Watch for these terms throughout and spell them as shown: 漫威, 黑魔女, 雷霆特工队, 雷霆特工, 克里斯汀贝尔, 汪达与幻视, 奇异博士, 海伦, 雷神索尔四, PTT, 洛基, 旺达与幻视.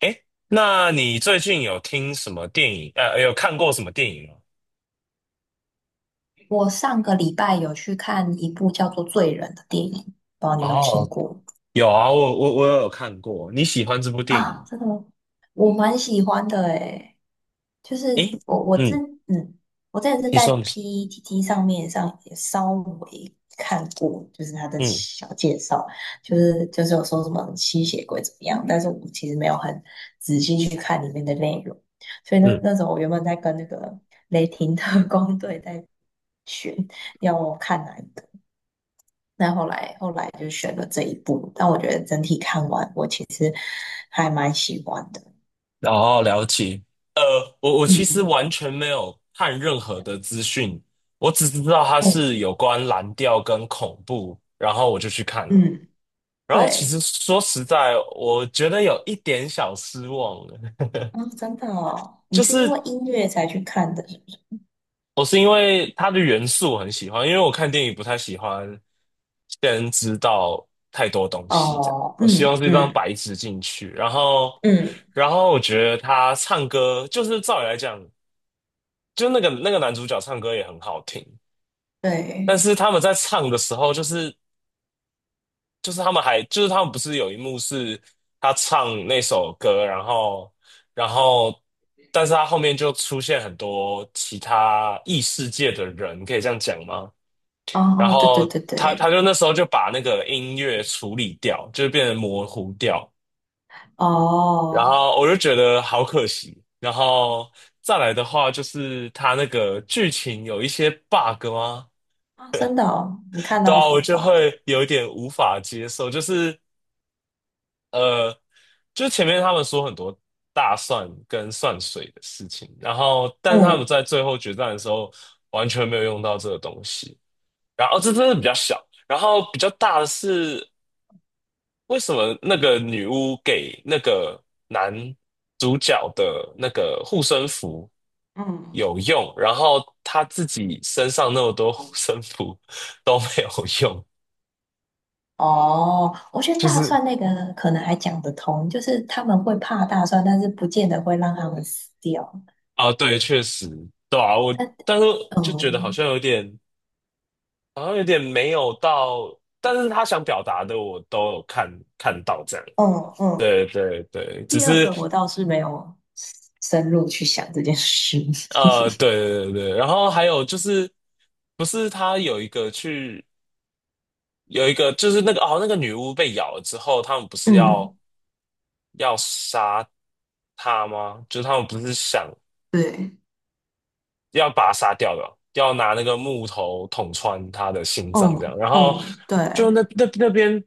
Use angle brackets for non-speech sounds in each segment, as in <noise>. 诶，那你最近有听什么电影？有看过什么电影吗？我上个礼拜有去看一部叫做《罪人》的电影，不知道你有没有听哦，过。有啊，我有看过。你喜欢这部电影啊？吗？这个我蛮喜欢的诶，就是诶，我我之嗯，嗯，我之前是你在 说你说，PTT 上面上也稍微看过，就是他的嗯小介绍，就是有说什么吸血鬼怎么样，但是我其实没有很仔细去看里面的内容，所以那嗯，那时候我原本在跟那个雷霆特工 <laughs> 队在选要我看哪一部。那后来就选了这一部，但我觉得整体看完，我其实还蛮喜欢的。哦，了解。呃，我其实嗯完全没有看任何的资讯，我只知道它是嗯有关蓝调跟恐怖，然后我就去看了。嗯，然后其实对，说实在，我觉得有一点小失望了。<laughs> 啊、真的哦，你就是因为是音乐才去看的，是不是？我是因为它的元素我很喜欢，因为我看电影不太喜欢先知道太多东西，这样哦，我希嗯望是一张嗯白纸进去。然后，嗯，然后我觉得他唱歌，就是照理来讲，就那个男主角唱歌也很好听，但对，是他们在唱的时候，就是就是他们还就是他们不是有一幕是他唱那首歌，然后。但是他后面就出现很多其他异世界的人，可以这样讲吗？哦然哦，对对后对他对，他就那时候就把那个音乐处理掉，就变得模糊掉。然哦后我就觉得好可惜。然后再来的话，就是他那个剧情有一些 bug 吗？啊，真的哦，你看对到啊，什我么就花梗？会有点无法接受。就是呃，就前面他们说很多大蒜跟蒜水的事情，然后但是他们嗯在最后决战的时候完全没有用到这个东西。然后这真的比较小。然后比较大的是，为什么那个女巫给那个男主角的那个护身符嗯。有用，然后他自己身上那么多护身符都没有用？哦，我觉得就大是蒜那个可能还讲得通，就是他们会怕大蒜，但是不见得会让他们死掉。啊，对，确实，对啊，我但是哦就觉得好像有点，好像有点没有到，但是他想表达的我都有看到这样。嗯嗯，对对对，只第二是个我倒是没有深入去想这件事。<laughs> 对对对对，然后还有就是，不是他有一个去有一个就是那个哦，那个女巫被咬了之后，他们不是要嗯要杀她吗？就是他们不是想对，要把她杀掉的，要拿那个木头捅穿他的心脏这嗯样。然后嗯，对，就那那边，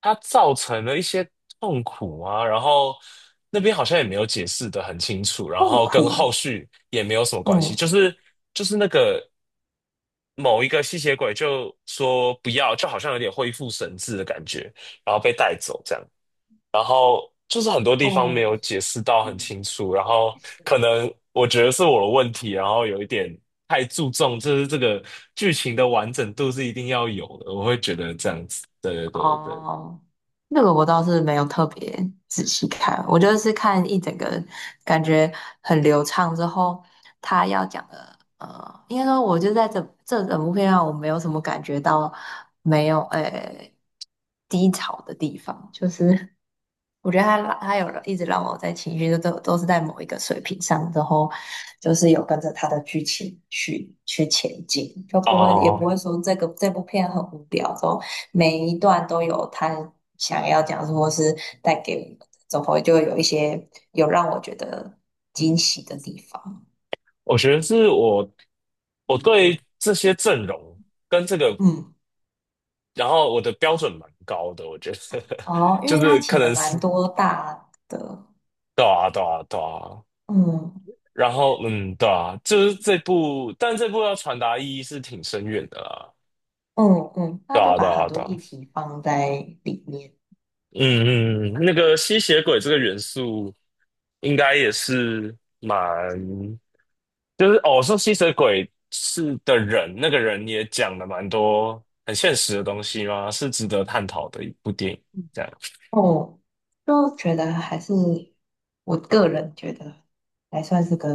他造成了一些痛苦啊，然后那边好像也没有解释的很清楚，然痛后跟苦。后续也没有什么关系，嗯就是那个。某一个吸血鬼就说不要，就好像有点恢复神智的感觉，然后被带走，这样就是很多地方没嗯，有解释到很清楚，然后可能我觉得是我的问题，然后有一点太注重，就是这个剧情的完整度是一定要有的，我会觉得这样子，对对对对，哦，那个我倒是没有特别仔细看，我就是看一整个感觉很流畅之后，他要讲的，应该说我就在这整部片上，我没有什么感觉到没有诶、低潮的地方，就是 <laughs> 我觉得他拉他有一直让我在情绪都是在某一个水平上，之后就是有跟着他的剧情去前进，就不会也不哦，会说这部片很无聊，之后每一段都有他想要讲述或是带给我们的，总会就会有一些有让我觉得惊喜的地方。我觉得是我对这些阵容跟这个，嗯，然后我的标准蛮高的，我觉得 <laughs> 哦，因就为他是可请了能蛮是多大的，对啊对啊对啊，嗯然后，嗯，对啊，就是这部，但这部要传达意义是挺深远的啦。嗯嗯，他对就啊，对把很啊，多对啊，议题放在里面。嗯嗯，嗯那个吸血鬼这个元素，应该也是蛮，就是哦，说吸血鬼是的人，那个人也讲了蛮多很现实的东西嘛，是值得探讨的一部电影。这样，哦，就觉得还是我个人觉得还算是个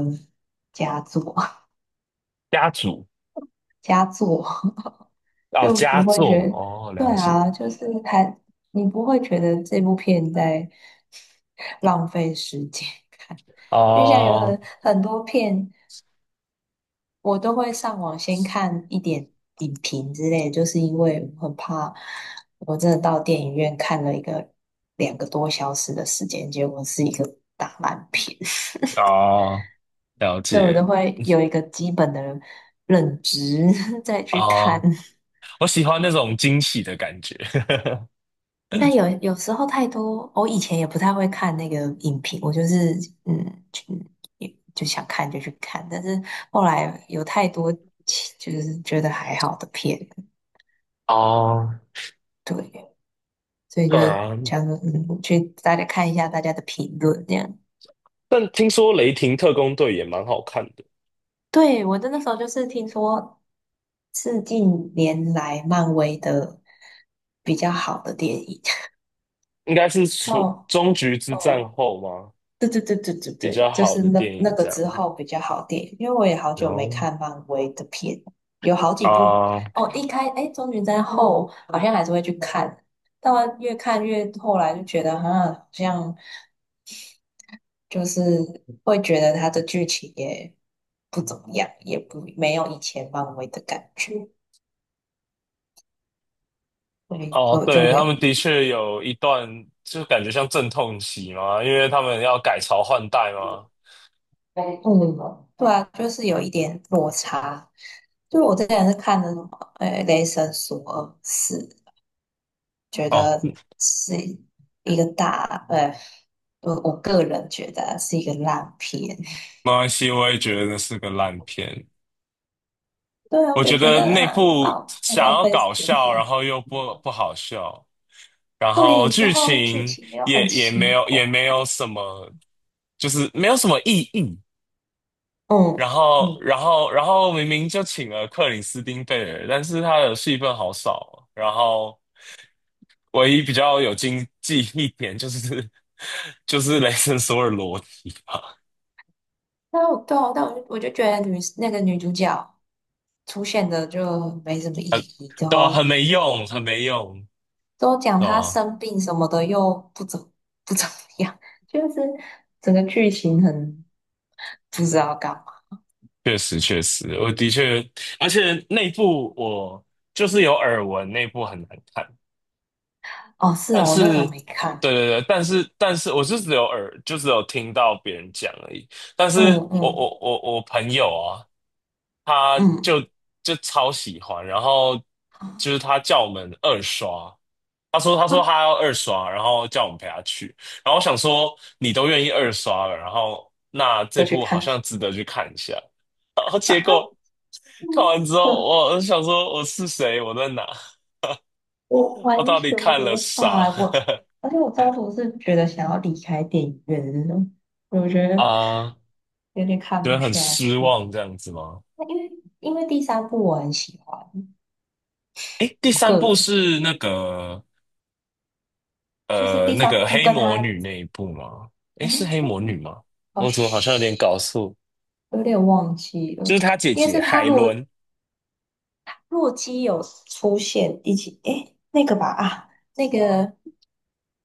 佳作，家族 <laughs> 佳作 <laughs> 哦，就佳不会觉作得，哦，对了解啊，就是还你不会觉得这部片在 <laughs> 浪费时间看，因为现在有哦，很多片，我都会上网先看一点影评之类，就是因为我很怕我真的到电影院看了一个两个多小时的时间，结果是一个大烂片，哦，了 <laughs> 对我都解会有一个基本的认知 <laughs> 再去看。哦。我喜欢那种惊喜的感觉。<laughs> 但有时候太多，我以前也不太会看那个影评，我就是嗯，就也就想看就去看，但是后来有太多其就是觉得还好的片，哦，对。所以对就啊，想说，嗯，去大家看一下大家的评论这样。但听说《雷霆特工队》也蛮好看的，对，我真的那时候就是听说是近年来漫威的比较好的电影。应该是 <laughs> 除哦终局之战哦，后吗？对对对对对比较对，就好是的那电那影个这样。之后比较好电影，因为我也好然久没后看漫威的片，有好几部啊，哦。一开哎，终局战后好像还是会去看，但越看越后来就觉得啊，好像。就是会觉得它的剧情也不怎么样，也不没有以前漫威的感觉，所以哦，就对，没他有。们的确有一段就感觉像阵痛期嘛，因为他们要改朝换代嘛。嗯，对啊，就是有一点落差。就我之前是看的什么，《雷神索尔四》，觉哦，得是一个大，我个人觉得是一个烂片。没关系，我也觉得是个烂片。对啊，我我就觉觉得得那很部浪想浪要费时搞间。笑，然后又不好笑。然后对，之剧后剧情情又也很也奇没有怪。也没有什么，就是没有什么意义。然嗯后嗯。然后然后明明就请了克里斯汀贝尔，但是他的戏份好少哦然后唯一比较有经济一点就是 <laughs> 就是雷神索尔裸体吧，但我对啊，但我就觉得女那个女主角出现的就没什么意义，然对啊，后很没用，很没用，都讲对她啊，生病什么的又不怎 <laughs> 不怎么样，就是整个剧情很不知道干嘛。确实确实，我的确，而且那部我就是有耳闻，那部很难看。哦，是但哦，我那时是，候没看，对对对，但是但是我是只有耳，就只有听到别人讲而已。但是嗯我嗯我我我朋友啊，他嗯，就就超喜欢，然后就是他叫我们二刷，他说他啊，说他要二刷，然后叫我们陪他去。然后我想说你都愿意二刷了，然后那这就去部好看像值得去看一下。啊，嗯，看完之后，呃我想说我是谁，我在哪，我我完到底全看了无啥？法，我 <laughs> 而且我中途是觉得想要离开电影院的那种，我觉得啊有点觉看得不很下失去。望这样子吗？因为因为第三部我很喜欢，诶，第我三个部人是那个就是第那三个部黑跟魔他，女那一部吗？诶，是哎，黑魔女吗？哦，我怎么好像有点嘘搞错？有点忘记就是了，她姐应该姐是他海洛伦洛基有出现一起，哎，那个吧啊，那个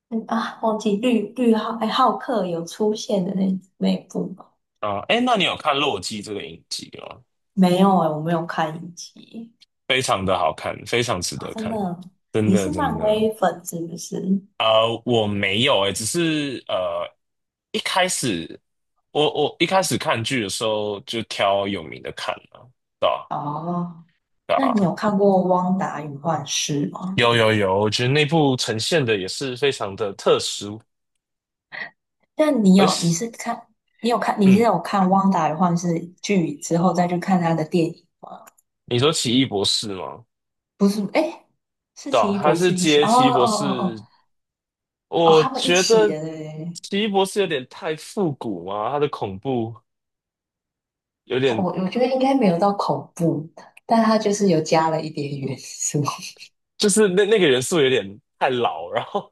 嗯啊，忘记绿绿浩哎浩克有出现的那一部吗？啊。诶，那你有看《洛基》这个影集吗？没有哎、我没有看一集。非常的好看，非常值啊，得真看，的，真你的是真漫的。威粉是不是？我没有诶，只是一开始我一开始看剧的时候就挑有名的看了，对哦，那你吧？有看过《汪达与幻视》吗？有有有，我觉得那部呈现的也是非常的特殊，但你而有你且，是看你有看你是嗯，有看《汪达的幻视》剧之后再去看他的电影吗？你说奇异博士吗？不是，哎，是对啊，奇异他博是士一起接哦奇异哦博哦哦士，哦，我他们一觉起得的，对对对。奇异博士有点太复古嘛，他的恐怖有他点，我觉得应该没有到恐怖，但他就是有加了一点元素。就是那个元素有点太老，然后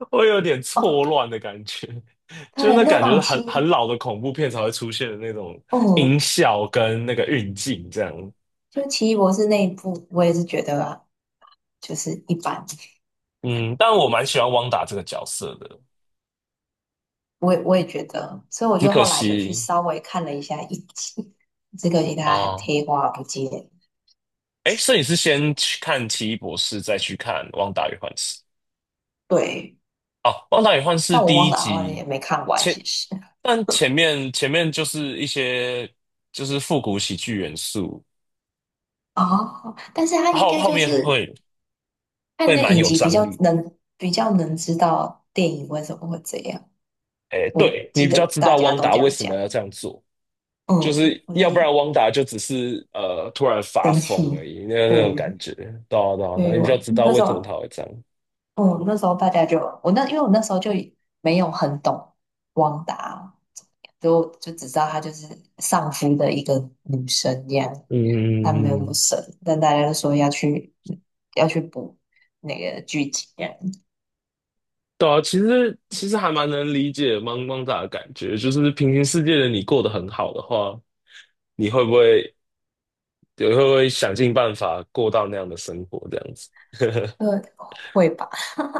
<laughs> 会有点 <laughs> 哦，错乱的感觉，就是对，那那感觉哦是很奇很老的恐怖片才会出现的那种哦，音效跟那个运镜这样。就奇异博士那一部，我也是觉得啊就是一般，嗯，但我蛮喜欢汪达这个角色的，我也觉得，所以我只就可后来有去惜。稍微看了一下一集，这个给大家啊，贴花不见。哎，所以你是先去看《奇异博士》，再去看《旺达与幻视》对，哦，《旺达与幻视》但我第忘一了，好像集也没看完，前，其实。<laughs> 但前面就是一些就是复古喜剧元素，哦，但是他应后该后就面是会看会那蛮影有集比张较力。能比较能知道电影为什么会这样。哎，我对，你记比得较知大道家汪都达这为样什么讲，要这样做，就嗯，是我觉要不得然汪达就只是突然发生疯气，而已，那那种对，感觉，对啊对啊所对啊以你比较我知道那为时什么他候，会这样。嗯，那时候大家就我那因为我那时候就没有很懂汪达，都就只知道她就是丧夫的一个女生这样，嗯她嗯没有那嗯么嗯。神，但大家都说要去补那个剧情这样，对啊，其实其实还蛮能理解茫茫仔的感觉，就是平行世界的你过得很好的话，你会不会你会不会想尽办法过到那样的生活这样子？呃，会吧？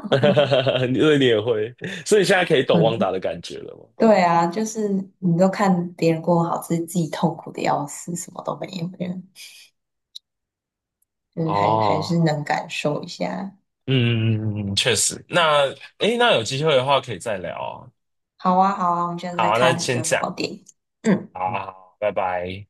<laughs> 因所以你也会，所以现在可以懂可汪达能的感觉了吗？对啊，就是你都看别人过好，自己痛苦的要死，什么都没有，这样就是还还是哦，能感受一下。嗯，确实。那诶，那有机会的话可以再聊啊。好啊，好啊，我们现在在好，那看先有这什样，么电影。嗯。好好好拜拜。